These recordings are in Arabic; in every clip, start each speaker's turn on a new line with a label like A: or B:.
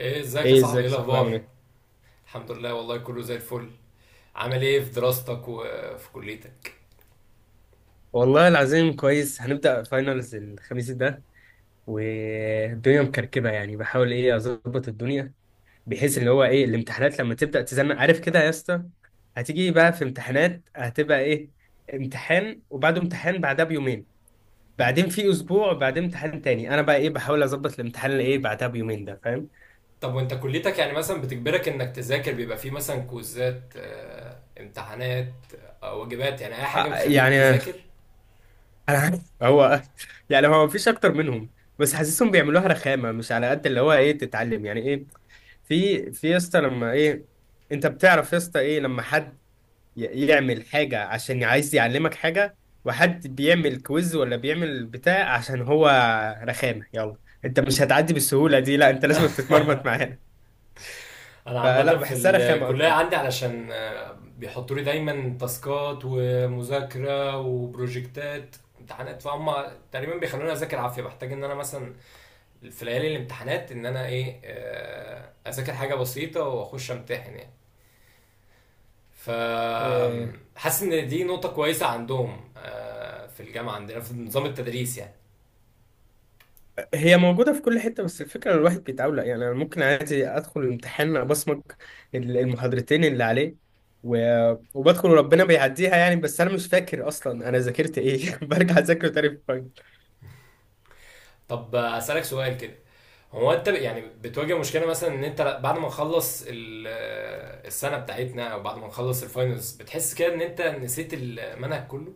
A: ايه ازيك يا
B: ايه
A: صاحبي؟
B: ازيك
A: ايه
B: يا صاحبي عامل
A: الاخبار؟
B: ايه؟
A: الحمد لله والله كله زي الفل. عامل ايه في دراستك وفي كليتك؟
B: والله العظيم كويس، هنبدأ فاينلز الخميس ده. والدنيا مكركبة، يعني بحاول ايه اظبط الدنيا بحيث اللي هو ايه الامتحانات لما تبدأ تزنق، عارف كده يا اسطى. هتيجي بقى في امتحانات، هتبقى ايه، امتحان وبعده امتحان بعدها بيومين، بعدين في اسبوع بعدين امتحان تاني. انا بقى ايه بحاول اظبط الامتحان اللي ايه بعدها بيومين ده، فاهم؟
A: طب وانت كليتك يعني مثلا بتجبرك انك تذاكر؟ بيبقى فيه مثلا كوزات، امتحانات، واجبات، يعني اي حاجه بتخليك
B: يعني انا
A: تذاكر؟
B: عارف هو، يعني هو مفيش اكتر منهم. بس حاسسهم بيعملوها رخامة مش على قد اللي هو ايه تتعلم يعني ايه. في يا اسطى لما ايه، انت بتعرف يا اسطى ايه لما حد يعمل حاجه عشان عايز يعلمك حاجه، وحد بيعمل كويز ولا بيعمل بتاع عشان هو رخامه، يلا انت مش هتعدي بالسهوله دي، لا انت لازم تتمرمط معاه.
A: انا عامه
B: فلا
A: في
B: بحسها رخامه
A: الكليه
B: اكتر.
A: عندي، علشان بيحطوا لي دايما تاسكات ومذاكره وبروجكتات امتحانات، فهم تقريبا بيخلوني اذاكر عافيه. بحتاج ان انا مثلا في ليالي الامتحانات ان انا ايه، اذاكر حاجه بسيطه واخش امتحن يعني. ف
B: آه،
A: حاسس ان دي نقطة كويسة عندهم، في الجامعة عندنا في نظام التدريس يعني.
B: هي موجوده في كل حته، بس الفكره إن الواحد بيتعود. يعني انا ممكن عادي ادخل الامتحان ابصمج المحاضرتين اللي عليه، و- وبدخل وربنا بيعديها يعني، بس انا مش فاكر اصلا انا ذاكرت ايه، برجع اذاكره تاني في...
A: طب اسألك سؤال كده، هو انت يعني بتواجه مشكلة مثلا ان انت بعد ما نخلص السنة بتاعتنا، او بعد ما نخلص الفاينلز، بتحس كده ان انت نسيت المنهج كله؟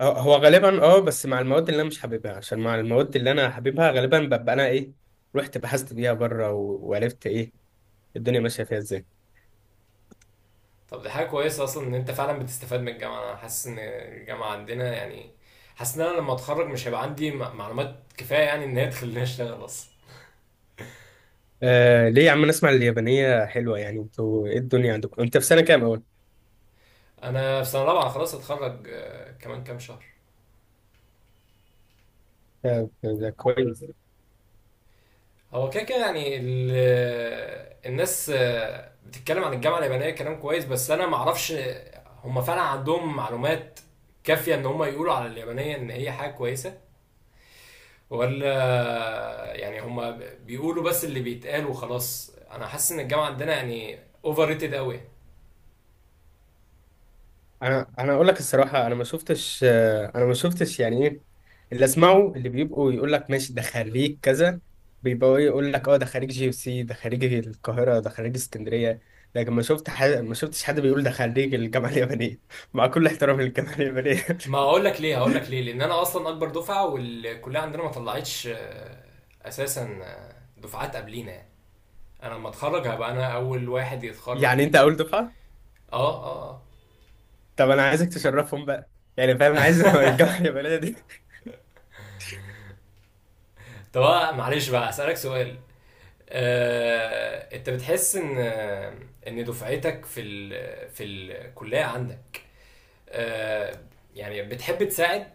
B: هو غالبا اه، بس مع المواد اللي انا مش حاببها، عشان مع المواد اللي انا حاببها غالبا ببقى انا ايه رحت بحثت بيها بره، و- وعرفت ايه الدنيا ماشيه فيها ازاي.
A: طب دي حاجة كويسة اصلا ان انت فعلا بتستفاد من الجامعة. انا حاسس ان الجامعة عندنا يعني، حاسس ان انا لما اتخرج مش هيبقى عندي معلومات كفاية يعني، ان هي تخليني اشتغل اصلا.
B: آه ليه يا عم، نسمع اليابانيه حلوه، يعني انتوا ايه الدنيا عندكم؟ انت في سنه كام اول؟
A: انا في سنة رابعة خلاص، هتخرج كمان كام شهر.
B: آه، ده كويس.
A: هو كده كده يعني الناس بتتكلم عن الجامعة اليابانية كلام كويس، بس أنا معرفش هما فعلا عندهم معلومات كافية إن هما يقولوا على اليابانية إن هي حاجة كويسة ولا يعني هما بيقولوا بس اللي بيتقال وخلاص. أنا حاسس إن الجامعة عندنا يعني أوفر ريتد أوي.
B: انا اقول لك الصراحه، انا ما شفتش، انا ما شفتش يعني ايه اللي اسمعه، اللي بيبقوا يقول لك ماشي ده خريج كذا، بيبقوا ايه يقول لك اه، ده خريج جي سي، ده خريج القاهره، ده خريج اسكندريه. لكن ما شفت حد، ما شفتش حد بيقول ده خريج الجامعه اليابانيه. مع كل احترامي للجامعه اليابانيه.
A: ما أقول لك ليه، هقول لك ليه. لأن أنا أصلا أكبر دفعة، والكلية عندنا ما طلعتش أساسا، دفعات قبلينا يعني. أنا لما أتخرج هبقى أنا أول واحد يتخرج
B: يعني
A: من
B: انت اول دفعه؟
A: آه. آه آه.
B: طب انا عايزك تشرفهم بقى، يعني فاهم؟ عايز الجامعه اليابانيه دي.
A: طب أنا معلش بقى اسالك سؤال. انت بتحس ان ان دفعتك في في الكليه عندك، آه، يعني بتحب تساعد؟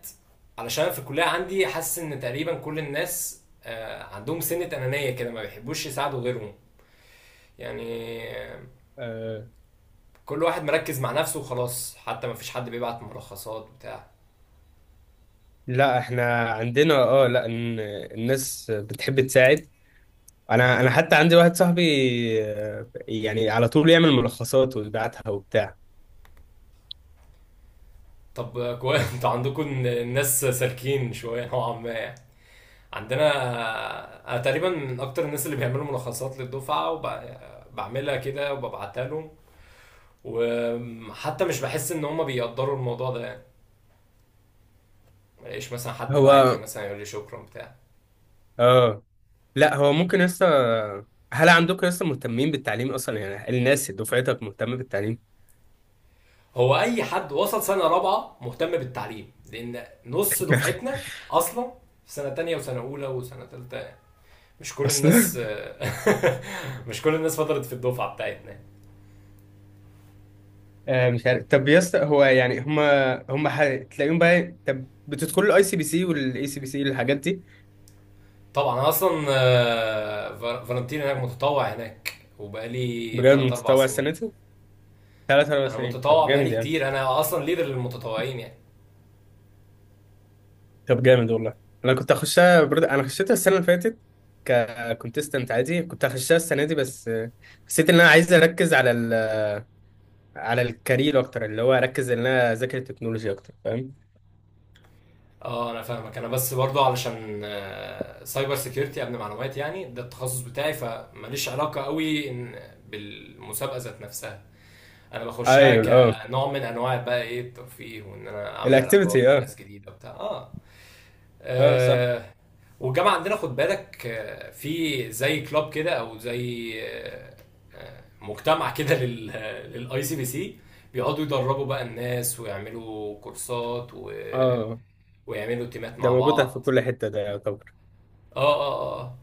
A: علشان أنا في الكليه عندي حاسس ان تقريبا كل الناس عندهم سنه انانيه كده، ما بيحبوش يساعدوا غيرهم يعني.
B: آه
A: كل واحد مركز مع نفسه وخلاص، حتى ما فيش حد بيبعت ملخصات بتاع.
B: لا احنا عندنا اه، لا الناس بتحب تساعد. انا حتى عندي واحد صاحبي، يعني على طول يعمل ملخصات ويبعتها وبتاع.
A: طب كويس انتوا عندكم الناس سالكين شويه نوعا ما يعني. عندنا انا تقريبا من اكتر الناس اللي بيعملوا ملخصات للدفعه، وبعملها كده وببعتها لهم، وحتى مش بحس ان هما بيقدروا الموضوع ده يعني. ملاقيش مثلا حد بعت لي
B: هو
A: مثلا يقول لي شكرا بتاع.
B: اه، لا هو ممكن لسه. هل عندكم لسه مهتمين بالتعليم اصلا؟ يعني الناس دفعتك مهتمه بالتعليم
A: هو اي حد وصل سنه رابعه مهتم بالتعليم، لان نص دفعتنا اصلا في سنه تانية وسنه اولى وسنه تالتة. مش كل
B: اصلا؟
A: الناس مش كل الناس فضلت في الدفعه بتاعتنا.
B: آه، مش عارف. طب يا اسطى، هو يعني هما ح... تلاقيهم بقى. طب بتدخلوا الاي سي بي سي والاي سي بي سي الحاجات دي؟
A: طبعا انا اصلا فالنتين هناك، متطوع هناك وبقالي
B: بجد
A: 3 4
B: متطوع
A: سنين.
B: السنه دي؟ ثلاث اربع
A: انا
B: سنين، طب
A: متطوع
B: جامد
A: بقالي
B: يعني.
A: كتير، انا اصلا ليدر للمتطوعين يعني.
B: طب جامد والله. انا كنت اخشها برد... انا خشيتها السنه اللي فاتت ككونتستنت عادي. كنت هخشها السنه دي، بس حسيت ان انا عايز اركز على ال... على الكارير اكتر، اللي هو اركز ان انا اذاكر التكنولوجيا اكتر، فاهم؟
A: اه انا فاهمك. انا بس برضو علشان سايبر سيكيورتي، امن معلومات، يعني ده التخصص بتاعي. فماليش علاقه قوي إن بالمسابقه ذات نفسها، انا بخشها
B: ايوه، اه
A: كنوع من انواع بقى ايه الترفيه، وان انا اعمل
B: الاكتيفيتي،
A: علاقات
B: اه
A: وناس جديده وبتاع. اه
B: اه صح
A: آه، والجامعه عندنا خد بالك، في زي كلاب كده او زي مجتمع كده للاي سي بي سي، بيقعدوا يدربوا بقى الناس ويعملوا كورسات
B: اه.
A: ويعملوا تيمات
B: ده
A: مع
B: موجود في
A: بعض.
B: كل حته، ده يعتبر.
A: اه اه اه آه.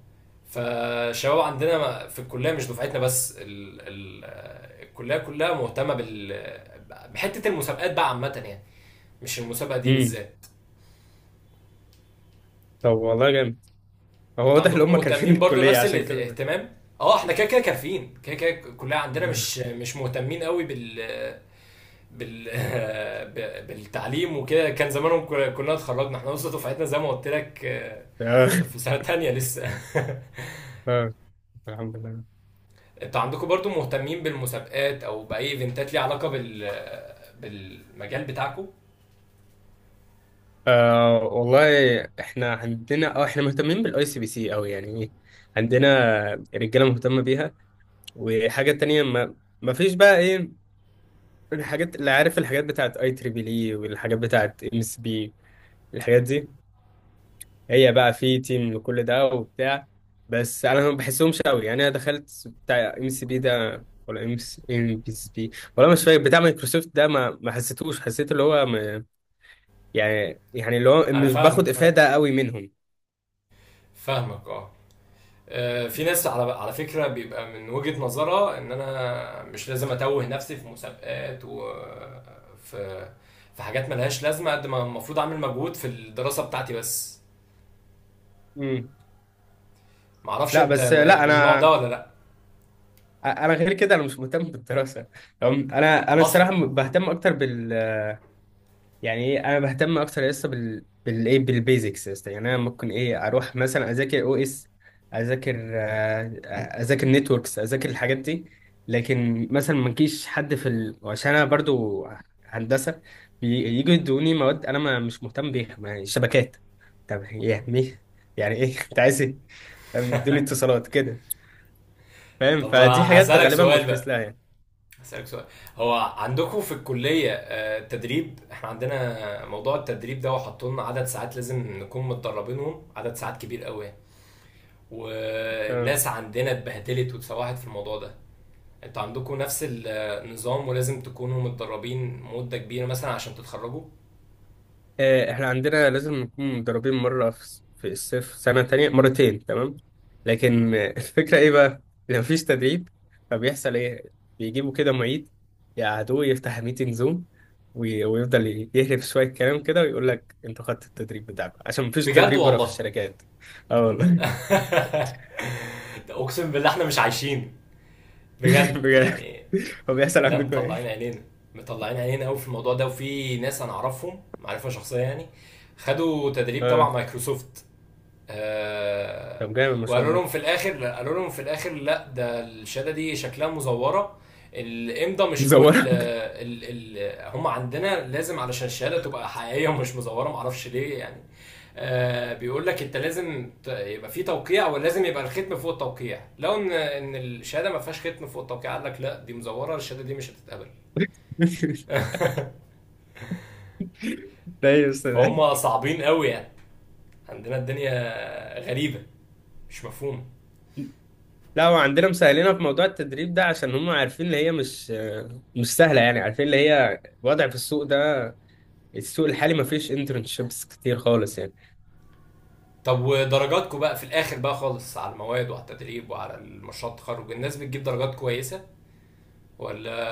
A: فالشباب عندنا في الكليه، مش دفعتنا بس، ال... ال... آه، الكليه كلها مهتمه بال آه، بحته المسابقات بقى عامه يعني، مش المسابقه دي
B: امم.
A: بالذات.
B: طب والله جامد، هو
A: انتوا
B: واضح ان
A: عندكم
B: هم كارفين
A: مهتمين برضو
B: الكليه
A: نفس
B: عشان كده.
A: الاهتمام؟ اه احنا كده كده كافيين، كده كده كلها عندنا مش مهتمين قوي بال بال بالتعليم وكده، كان زمانهم كنا اتخرجنا، احنا لسه دفعتنا زي ما قلت لك،
B: اه
A: في سنة تانية لسه.
B: اه الحمد لله.
A: انتوا عندكم برضو مهتمين بالمسابقات او باي ايفنتات ليها علاقة بالمجال بتاعكم؟
B: آه والله احنا عندنا اه، احنا مهتمين بالاي سي بي سي قوي، يعني ايه عندنا رجاله مهتمه بيها. وحاجه تانية ما، ما فيش بقى ايه الحاجات اللي عارف، الحاجات بتاعت اي تريبل اي، والحاجات بتاعت ام اس بي، الحاجات دي. هي بقى في تيم لكل ده وبتاع، بس انا ما بحسهمش قوي. يعني انا دخلت بتاع ام اس بي ده، ولا ام ام اس بي، ولا مش فاكر بتاع مايكروسوفت ده، ما حسيتوش، حسيت اللي هو يعني اللي هو
A: انا
B: مش باخد
A: فاهمك، فاهم
B: افاده قوي منهم.
A: فاهمك، اه. في ناس على على فكرة بيبقى من وجهة نظرها ان انا مش لازم اتوه نفسي في مسابقات وفي في حاجات ملهاش لازمة، قد ما المفروض اعمل مجهود في الدراسة بتاعتي بس. معرفش
B: لا
A: انت
B: بس
A: من
B: لا
A: النوع
B: انا،
A: ده ولا لا
B: انا غير كده، انا مش مهتم بالدراسه تمام. انا
A: اصلا.
B: الصراحه بهتم اكتر بال... يعني ايه انا بهتم اكتر لسه بال، بالايه بالبيزكس لسه، يعني انا ممكن ايه اروح مثلا اذاكر او اس، اذاكر اذاكر نتوركس، اذاكر الحاجات دي. لكن مثلا ما نجيش حد في ال... عشان انا برضو هندسه يجوا يدوني مواد انا ما مش مهتم بيها يعني شبكات. طب يعني إيه؟ يعني ايه انت عايز ايه؟ يدوني اتصالات كده، فاهم؟
A: طب
B: فدي حاجات
A: هسألك
B: غالبا
A: سؤال
B: بفكس
A: بقى،
B: لها يعني.
A: هسألك سؤال. هو عندكم في الكلية، تدريب؟ احنا عندنا موضوع التدريب ده، وحطوا لنا عدد ساعات لازم نكون متدربينهم، عدد ساعات كبير قوي،
B: تمام.
A: والناس عندنا اتبهدلت واتسوحت في الموضوع ده. انتوا عندكم نفس النظام ولازم تكونوا متدربين مدة كبيرة مثلا عشان تتخرجوا؟
B: احنا عندنا لازم نكون متدربين مرة في في الصيف سنة تانية مرتين تمام. لكن الفكرة ايه بقى؟ لو مفيش تدريب، فبيحصل ايه؟ بيجيبوا كده معيد، يقعدوه يفتح ميتنج زوم، وي- ويفضل يهرب شوية كلام كده، ويقول لك انتوا خدتوا التدريب بتاعكم عشان مفيش
A: بجد
B: تدريب بره في
A: والله!
B: الشركات. اه والله،
A: اقسم بالله احنا مش عايشين، بجد
B: بجد.
A: يعني.
B: هو بيحصل
A: لا
B: عندكم
A: مطلعين
B: ايه؟
A: عينينا، مطلعين عينينا قوي في الموضوع ده. وفي ناس انا اعرفهم معرفة شخصية يعني، خدوا تدريب
B: اه،
A: تبع مايكروسوفت، آه،
B: طب جامد ما شاء
A: وقالوا
B: الله.
A: لهم في الاخر، قالوا لهم في الاخر، لا ده الشهاده دي شكلها مزوره. الامضه مش فوق ال
B: مزورك،
A: ال ال هم عندنا لازم علشان الشهاده تبقى حقيقيه ومش مزوره، معرفش ليه يعني. آه بيقول لك انت لازم يبقى في توقيع، ولازم يبقى الختم فوق التوقيع، لو ان الشهاده ما فيهاش ختم فوق التوقيع، قال لك لا دي مزوره، الشهاده دي مش هتتقبل.
B: ده يا استاذ.
A: فهم صعبين قوي يعني. عندنا الدنيا غريبه، مش مفهومه.
B: لا هو عندنا مسهلينها في موضوع التدريب ده، عشان هم عارفين اللي هي مش سهلة، يعني عارفين اللي هي الوضع في السوق ده. السوق الحالي ما فيش انترنشيبس كتير خالص يعني.
A: طب ودرجاتكم بقى في الاخر بقى خالص، على المواد وعلى التدريب وعلى المشروع التخرج، الناس بتجيب درجات كويسه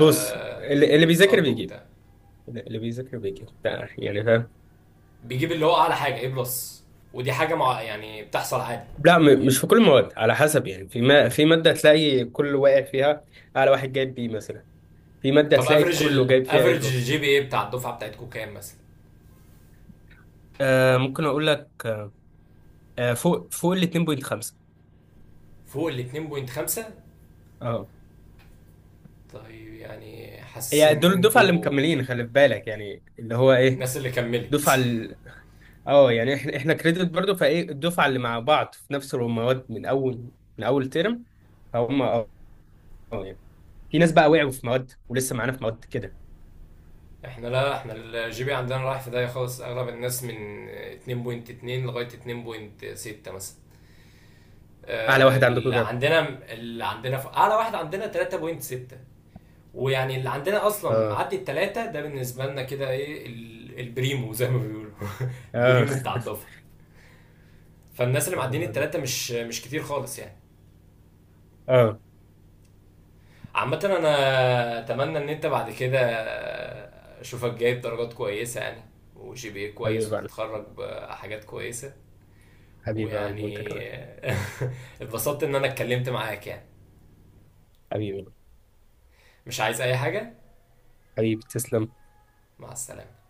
B: بص اللي بيذاكر
A: بيسقطوا
B: بيجيب،
A: وبتاع؟
B: اللي بيذاكر بيجيب ده يعني، فاهم؟
A: بيجيب اللي هو اعلى حاجه ايه بلس، ودي حاجه مع يعني بتحصل عادي.
B: لا مش في كل المواد، على حسب يعني. في ما في مادة تلاقي كل واقع فيها على واحد جايب بي مثلا، في مادة
A: طب
B: تلاقي
A: افريج
B: كله جايب فيها اي
A: الافريج
B: بلس.
A: الجي بي اي بتاع الدفعه بتاعتكم كام مثلا؟
B: آه ممكن اقول لك، آه فوق ال 2.5.
A: فوق ال 2.5؟
B: اه،
A: طيب يعني حاسس
B: يعني
A: ان
B: دول الدفعة اللي
A: انتوا
B: مكملين، خلي في بالك يعني اللي هو ايه.
A: الناس اللي كملت.
B: دفعة. اه يعني احنا كريدت برضو فايه الدفعه اللي مع بعض في نفس المواد من اول ترم، فهم اه. آه يعني في ناس بقى وقعوا في مواد ولسه معانا في مواد كده.
A: احنا لا، احنا الجي بي عندنا رايح في داهيه خالص. اغلب الناس من 2.2 لغايه 2.6 مثلا،
B: اعلى واحد عندكم
A: اللي
B: كده؟
A: عندنا، اللي عندنا اعلى واحد عندنا 3.6. ويعني اللي عندنا اصلا
B: اه
A: معدي التلاتة، ده بالنسبه لنا كده ايه البريمو زي ما بيقولوا.
B: اه.
A: البريمو بتاع الدفعه. فالناس اللي
B: طب
A: معديين
B: والله ده
A: التلاتة مش مش كتير خالص يعني.
B: اه.
A: عامه انا اتمنى ان انت بعد كده اشوفك جايب درجات كويسه يعني، وجي بي إيه
B: حبيبي
A: كويس،
B: بقى،
A: وتتخرج بحاجات كويسه
B: حبيبي بقى وانت
A: ويعني.
B: كمان.
A: اتبسطت ان انا اتكلمت معاك يعني،
B: حبيبي،
A: مش عايز اي حاجه.
B: حبيبي تسلم.
A: مع السلامه.